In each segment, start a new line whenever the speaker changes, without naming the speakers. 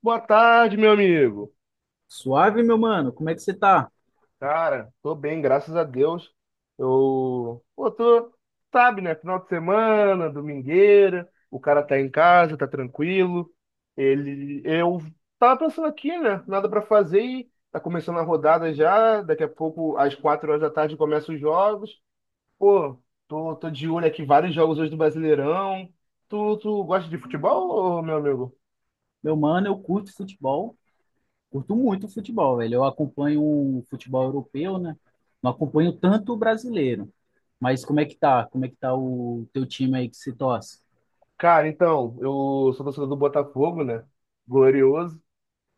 Boa tarde, meu amigo.
Suave, meu mano, como é que você tá?
Cara, tô bem, graças a Deus. Tô, sabe, né? Final de semana, domingueira, o cara tá em casa, tá tranquilo. Eu tava pensando aqui, né? Nada pra fazer e tá começando a rodada já. Daqui a pouco, às 4 horas da tarde, começam os jogos. Pô, tô de olho aqui, vários jogos hoje do Brasileirão. Tu gosta de futebol, ô, meu amigo?
Meu mano, eu curto futebol, curto muito futebol, velho. Eu acompanho o futebol europeu, né? Não acompanho tanto o brasileiro. Mas como é que tá? Como é que tá o teu time aí que se torce?
Cara, então, eu sou torcedor do Botafogo, né? Glorioso.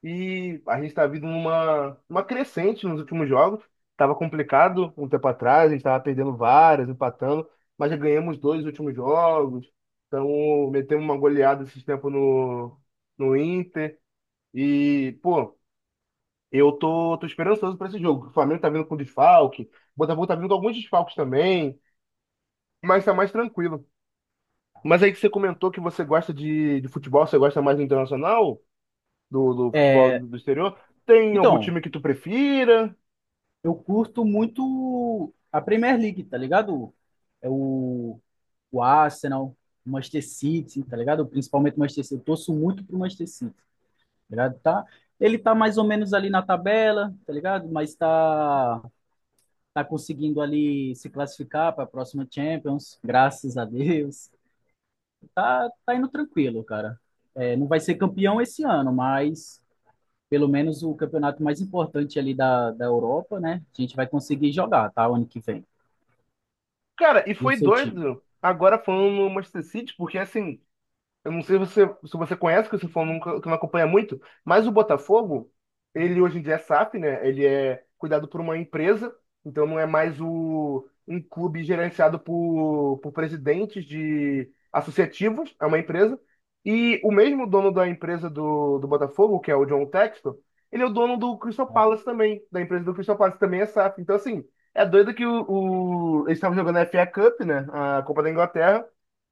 E a gente está vindo numa uma crescente nos últimos jogos. Estava complicado um tempo atrás, a gente estava perdendo várias, empatando, mas já ganhamos dois últimos jogos. Então, metemos uma goleada esses tempos no Inter. E, pô, eu tô esperançoso para esse jogo. O Flamengo tá vindo com desfalque, o Botafogo tá vindo com alguns desfalques também, mas tá mais tranquilo. Mas aí que você comentou que você gosta de futebol, você gosta mais do internacional, do futebol
É,
do exterior. Tem algum
então,
time que tu prefira?
eu curto muito a Premier League, tá ligado? É o Arsenal, o Manchester City, tá ligado? Principalmente o Manchester City. Eu torço muito pro Manchester City, tá ligado? Tá, ele tá mais ou menos ali na tabela, tá ligado? Mas tá conseguindo ali se classificar para a próxima Champions, graças a Deus. Tá indo tranquilo, cara. É, não vai ser campeão esse ano, mas pelo menos o campeonato mais importante ali da Europa, né? A gente vai conseguir jogar, tá? O ano que vem.
Cara, e
E o
foi
seu time?
doido. Agora falando no Manchester City, porque assim, eu não sei se você, se você conhece, que você falou nunca, que não acompanha muito, mas o Botafogo, ele hoje em dia é SAF, né? Ele é cuidado por uma empresa, então não é mais um clube gerenciado por presidentes de associativos, é uma empresa. E o mesmo dono da empresa do Botafogo, que é o John Textor, ele é o dono do Crystal Palace também, da empresa do Crystal Palace, também é SAF. Então, assim, é doido que eles estavam jogando a FA Cup, né? A Copa da Inglaterra.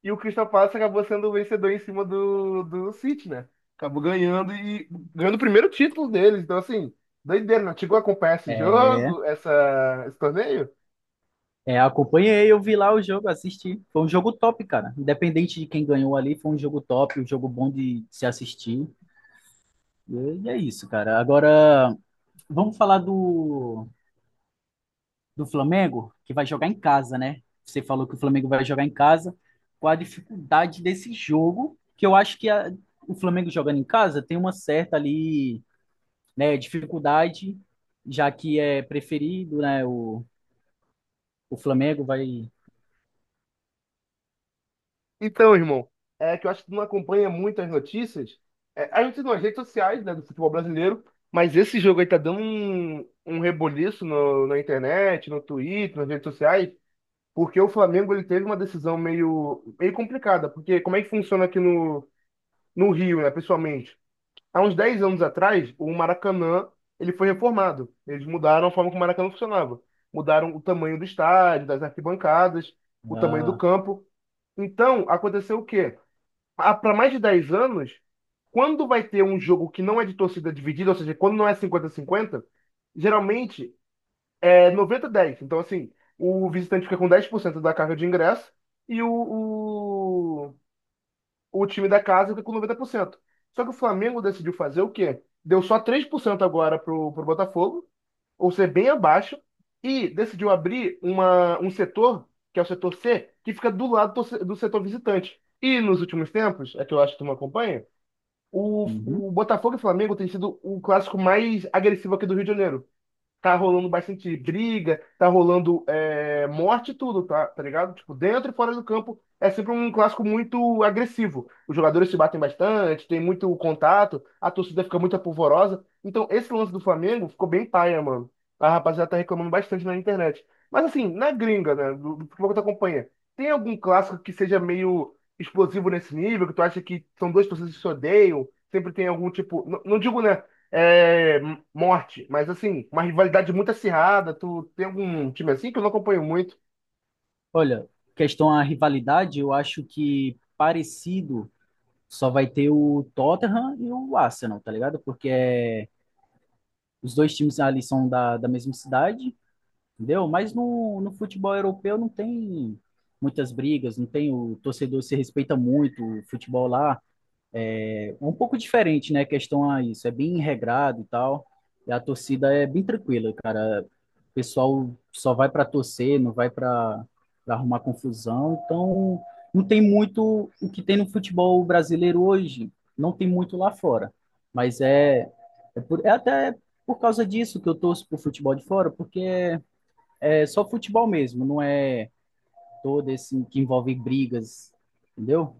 E o Crystal Palace acabou sendo o vencedor em cima do City, né? Acabou ganhando e ganhando o primeiro título deles. Então, assim, doideira, não chegou a acompanhar esse
É,
jogo, esse torneio?
é, acompanhei, eu vi lá o jogo, assisti. Foi um jogo top, cara. Independente de quem ganhou ali, foi um jogo top, um jogo bom de se assistir. E é isso, cara. Agora, vamos falar do Flamengo, que vai jogar em casa, né? Você falou que o Flamengo vai jogar em casa. Qual a dificuldade desse jogo? Que eu acho que o Flamengo jogando em casa tem uma certa ali, né, dificuldade, já que é preferido, né? O Flamengo vai.
Então, irmão, é que eu acho que tu não acompanha muito as notícias. É, a gente tem nas redes sociais, né, do futebol brasileiro, mas esse jogo aí tá dando um reboliço na internet, no Twitter, nas redes sociais, porque o Flamengo ele teve uma decisão meio complicada. Porque como é que funciona aqui no Rio, né, pessoalmente? Há uns 10 anos atrás, o Maracanã, ele foi reformado. Eles mudaram a forma como o Maracanã funcionava. Mudaram o tamanho do estádio, das arquibancadas, o tamanho do
Ah,
campo. Então, aconteceu o quê? Para mais de 10 anos, quando vai ter um jogo que não é de torcida dividida, ou seja, quando não é 50-50, geralmente é 90-10. Então, assim, o visitante fica com 10% da carga de ingresso e o time da casa fica com 90%. Só que o Flamengo decidiu fazer o quê? Deu só 3% agora pro Botafogo, ou seja, bem abaixo, e decidiu abrir um setor, que é o setor C, que fica do lado do, se- do setor visitante. E nos últimos tempos, é que eu acho que tu me acompanha,
uhum.
o Botafogo e Flamengo tem sido o clássico mais agressivo aqui do Rio de Janeiro. Tá rolando bastante briga, tá rolando é, morte e tudo, tá ligado? Tipo, dentro e fora do campo é sempre um clássico muito agressivo. Os jogadores se batem bastante, tem muito contato, a torcida fica muito apavorosa. Então, esse lance do Flamengo ficou bem paia, mano. A rapaziada tá reclamando bastante na internet. Mas assim, na gringa, né, do futebol que tu acompanha, tem algum clássico que seja meio explosivo nesse nível, que tu acha que são duas torcidas que se odeiam, sempre tem algum tipo, não, não digo, né, é, morte, mas assim, uma rivalidade muito acirrada. Tu tem algum time assim que eu não acompanho muito?
Olha, questão à rivalidade, eu acho que parecido só vai ter o Tottenham e o Arsenal, tá ligado? Porque é, os dois times ali são da mesma cidade. Entendeu? Mas no futebol europeu não tem muitas brigas, não tem, o torcedor se respeita muito, o futebol lá é um pouco diferente, né? Questão a isso, é bem regrado e tal. E a torcida é bem tranquila, cara. O pessoal só vai para torcer, não vai para arrumar confusão. Então, não tem muito o que tem no futebol brasileiro hoje, não tem muito lá fora. Mas é até por causa disso que eu torço pro futebol de fora, porque é só futebol mesmo, não é todo esse que envolve brigas, entendeu?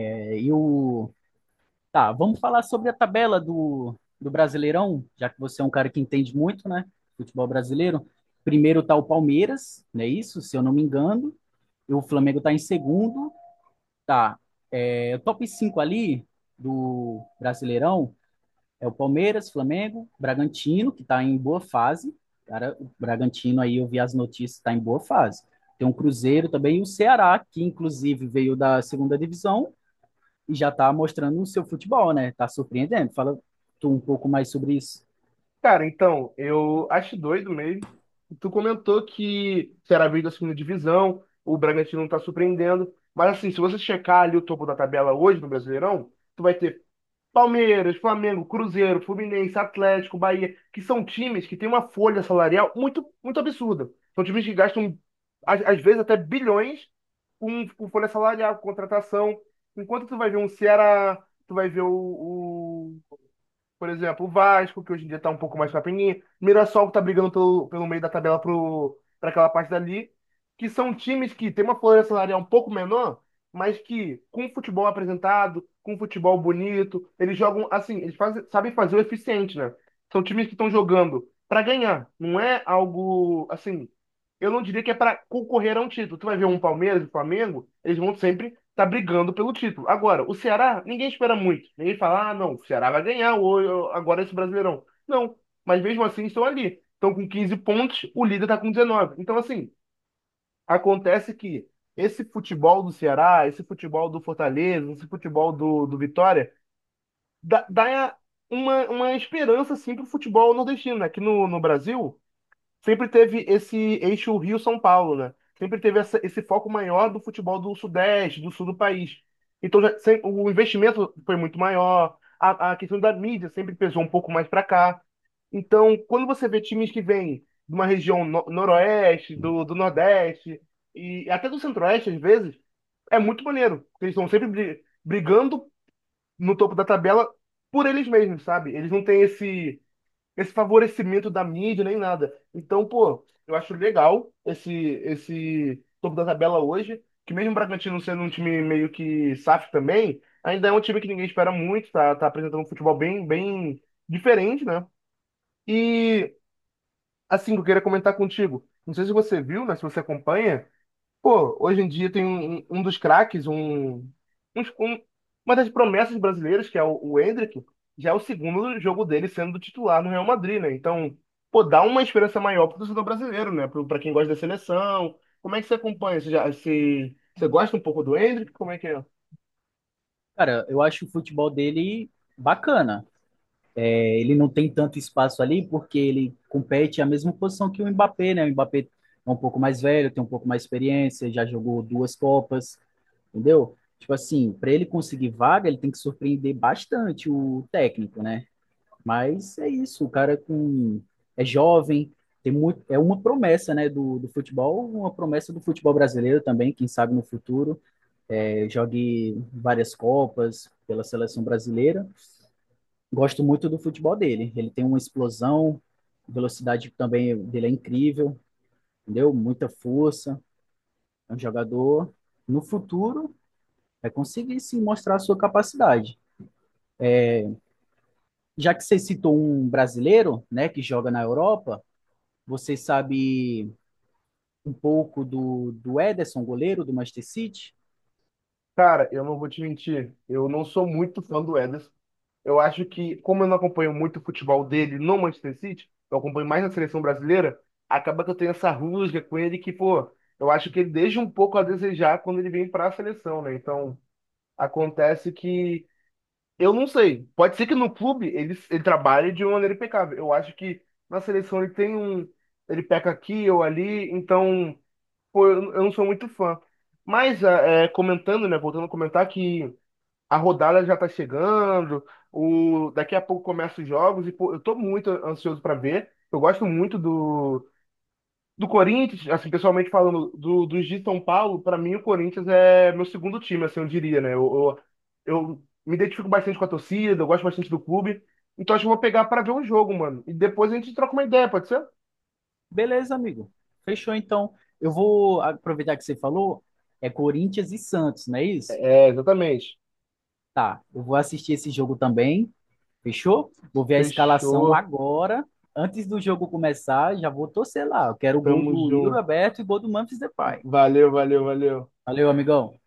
É, e o. Tá, vamos falar sobre a tabela do Brasileirão, já que você é um cara que entende muito, né? Futebol brasileiro. Primeiro tá o Palmeiras, não é isso? Se eu não me engano. E o Flamengo tá em segundo. Tá. É, o top 5 ali do Brasileirão é o Palmeiras, Flamengo, Bragantino, que está em boa fase. Cara, o Bragantino aí eu vi as notícias, está em boa fase. Tem um Cruzeiro também e o Ceará, que inclusive veio da segunda divisão e já está mostrando o seu futebol, né? Está surpreendendo. Fala tu um pouco mais sobre isso.
Cara, então, eu acho doido mesmo. Tu comentou que será a vídeo da segunda divisão, o Bragantino não tá surpreendendo. Mas assim, se você checar ali o topo da tabela hoje no Brasileirão, tu vai ter Palmeiras, Flamengo, Cruzeiro, Fluminense, Atlético, Bahia, que são times que têm uma folha salarial muito, muito absurda. São times que gastam, às vezes, até bilhões com folha salarial, com contratação. Enquanto tu vai ver um Ceará, tu vai ver o, por exemplo, o Vasco, que hoje em dia tá um pouco mais pra Mirassol, que tá brigando pelo meio da tabela pra aquela parte dali. Que são times que têm uma folha salarial um pouco menor, mas que, com futebol apresentado, com futebol bonito, eles jogam, assim, eles fazem, sabem fazer o eficiente, né? São times que estão jogando pra ganhar. Não é algo, assim, eu não diria que é pra concorrer a um título. Tu vai ver um Palmeiras e Flamengo, eles vão sempre tá brigando pelo título. Agora, o Ceará, ninguém espera muito. Ninguém fala, ah, não, o Ceará vai ganhar ou, agora esse Brasileirão. Não, mas mesmo assim estão ali. Estão com 15 pontos, o líder tá com 19. Então, assim, acontece que esse futebol do Ceará, esse futebol do Fortaleza, esse futebol do Vitória, dá uma esperança, assim, pro futebol nordestino. Aqui no Brasil, sempre teve esse eixo Rio-São Paulo, né? Sempre teve esse foco maior do futebol do Sudeste, do Sul do país. Então já, o investimento foi muito maior, a questão da mídia sempre pesou um pouco mais para cá. Então, quando você vê times que vêm de uma região noroeste, do nordeste, e até do centro-oeste, às vezes, é muito maneiro. Porque eles estão sempre brigando no topo da tabela por eles mesmos, sabe? Eles não têm esse favorecimento da mídia nem nada. Então, pô, eu acho legal esse topo da tabela hoje, que mesmo o Bragantino sendo um time meio que saf também, ainda é um time que ninguém espera muito, tá apresentando um futebol bem diferente, né? E assim, eu queria comentar contigo. Não sei se você viu, né, se você acompanha. Pô, hoje em dia tem um dos craques, um um- uma das promessas brasileiras, que é o Endrick, já é o segundo jogo dele sendo titular no Real Madrid, né? Então, pô, dá uma esperança maior pro torcedor brasileiro, né? Pra quem gosta da seleção. Como é que você acompanha? Você gosta um pouco do Endrick? Como é que é?
Cara, eu acho o futebol dele bacana. É, ele não tem tanto espaço ali porque ele compete a mesma posição que o Mbappé, né? O Mbappé é um pouco mais velho, tem um pouco mais de experiência, já jogou duas Copas, entendeu? Tipo assim, para ele conseguir vaga, ele tem que surpreender bastante o técnico, né? Mas é isso, o cara é com é jovem, tem muito, é uma promessa, né, do futebol, uma promessa do futebol brasileiro também, quem sabe no futuro, é, jogue várias copas pela seleção brasileira. Gosto muito do futebol dele, ele tem uma explosão, velocidade também dele é incrível, entendeu? Muita força, é um jogador no futuro vai conseguir sim mostrar a sua capacidade. Já que você citou um brasileiro, né, que joga na Europa, você sabe um pouco do Ederson, goleiro do Manchester City?
Cara, eu não vou te mentir, eu não sou muito fã do Ederson. Eu acho que, como eu não acompanho muito o futebol dele no Manchester City, eu acompanho mais na seleção brasileira, acaba que eu tenho essa rusga com ele que, pô, eu acho que ele deixa um pouco a desejar quando ele vem para a seleção, né? Então, acontece que eu não sei. Pode ser que no clube ele trabalhe de uma maneira impecável. Eu acho que na seleção ele tem um. Ele peca aqui ou ali, então, pô, eu não sou muito fã. Mas, ah, é, comentando, né? Voltando a comentar que a rodada já tá chegando, o daqui a pouco começam os jogos e pô, eu tô muito ansioso para ver. Eu gosto muito do Corinthians, assim, pessoalmente falando, dos de São Paulo, para mim o Corinthians é meu segundo time, assim, eu diria, né? Eu me identifico bastante com a torcida, eu gosto bastante do clube. Então acho que eu vou pegar para ver um jogo, mano. E depois a gente troca uma ideia, pode ser?
Beleza, amigo. Fechou, então. Eu vou aproveitar que você falou, é Corinthians e Santos, não é isso?
É, exatamente.
Tá, eu vou assistir esse jogo também, fechou? Vou ver a escalação
Fechou.
agora, antes do jogo começar, já vou torcer lá. Eu quero o gol
Tamo
do Yuri
junto.
Alberto e o gol do Memphis Depay.
Valeu, valeu, valeu.
Valeu, amigão.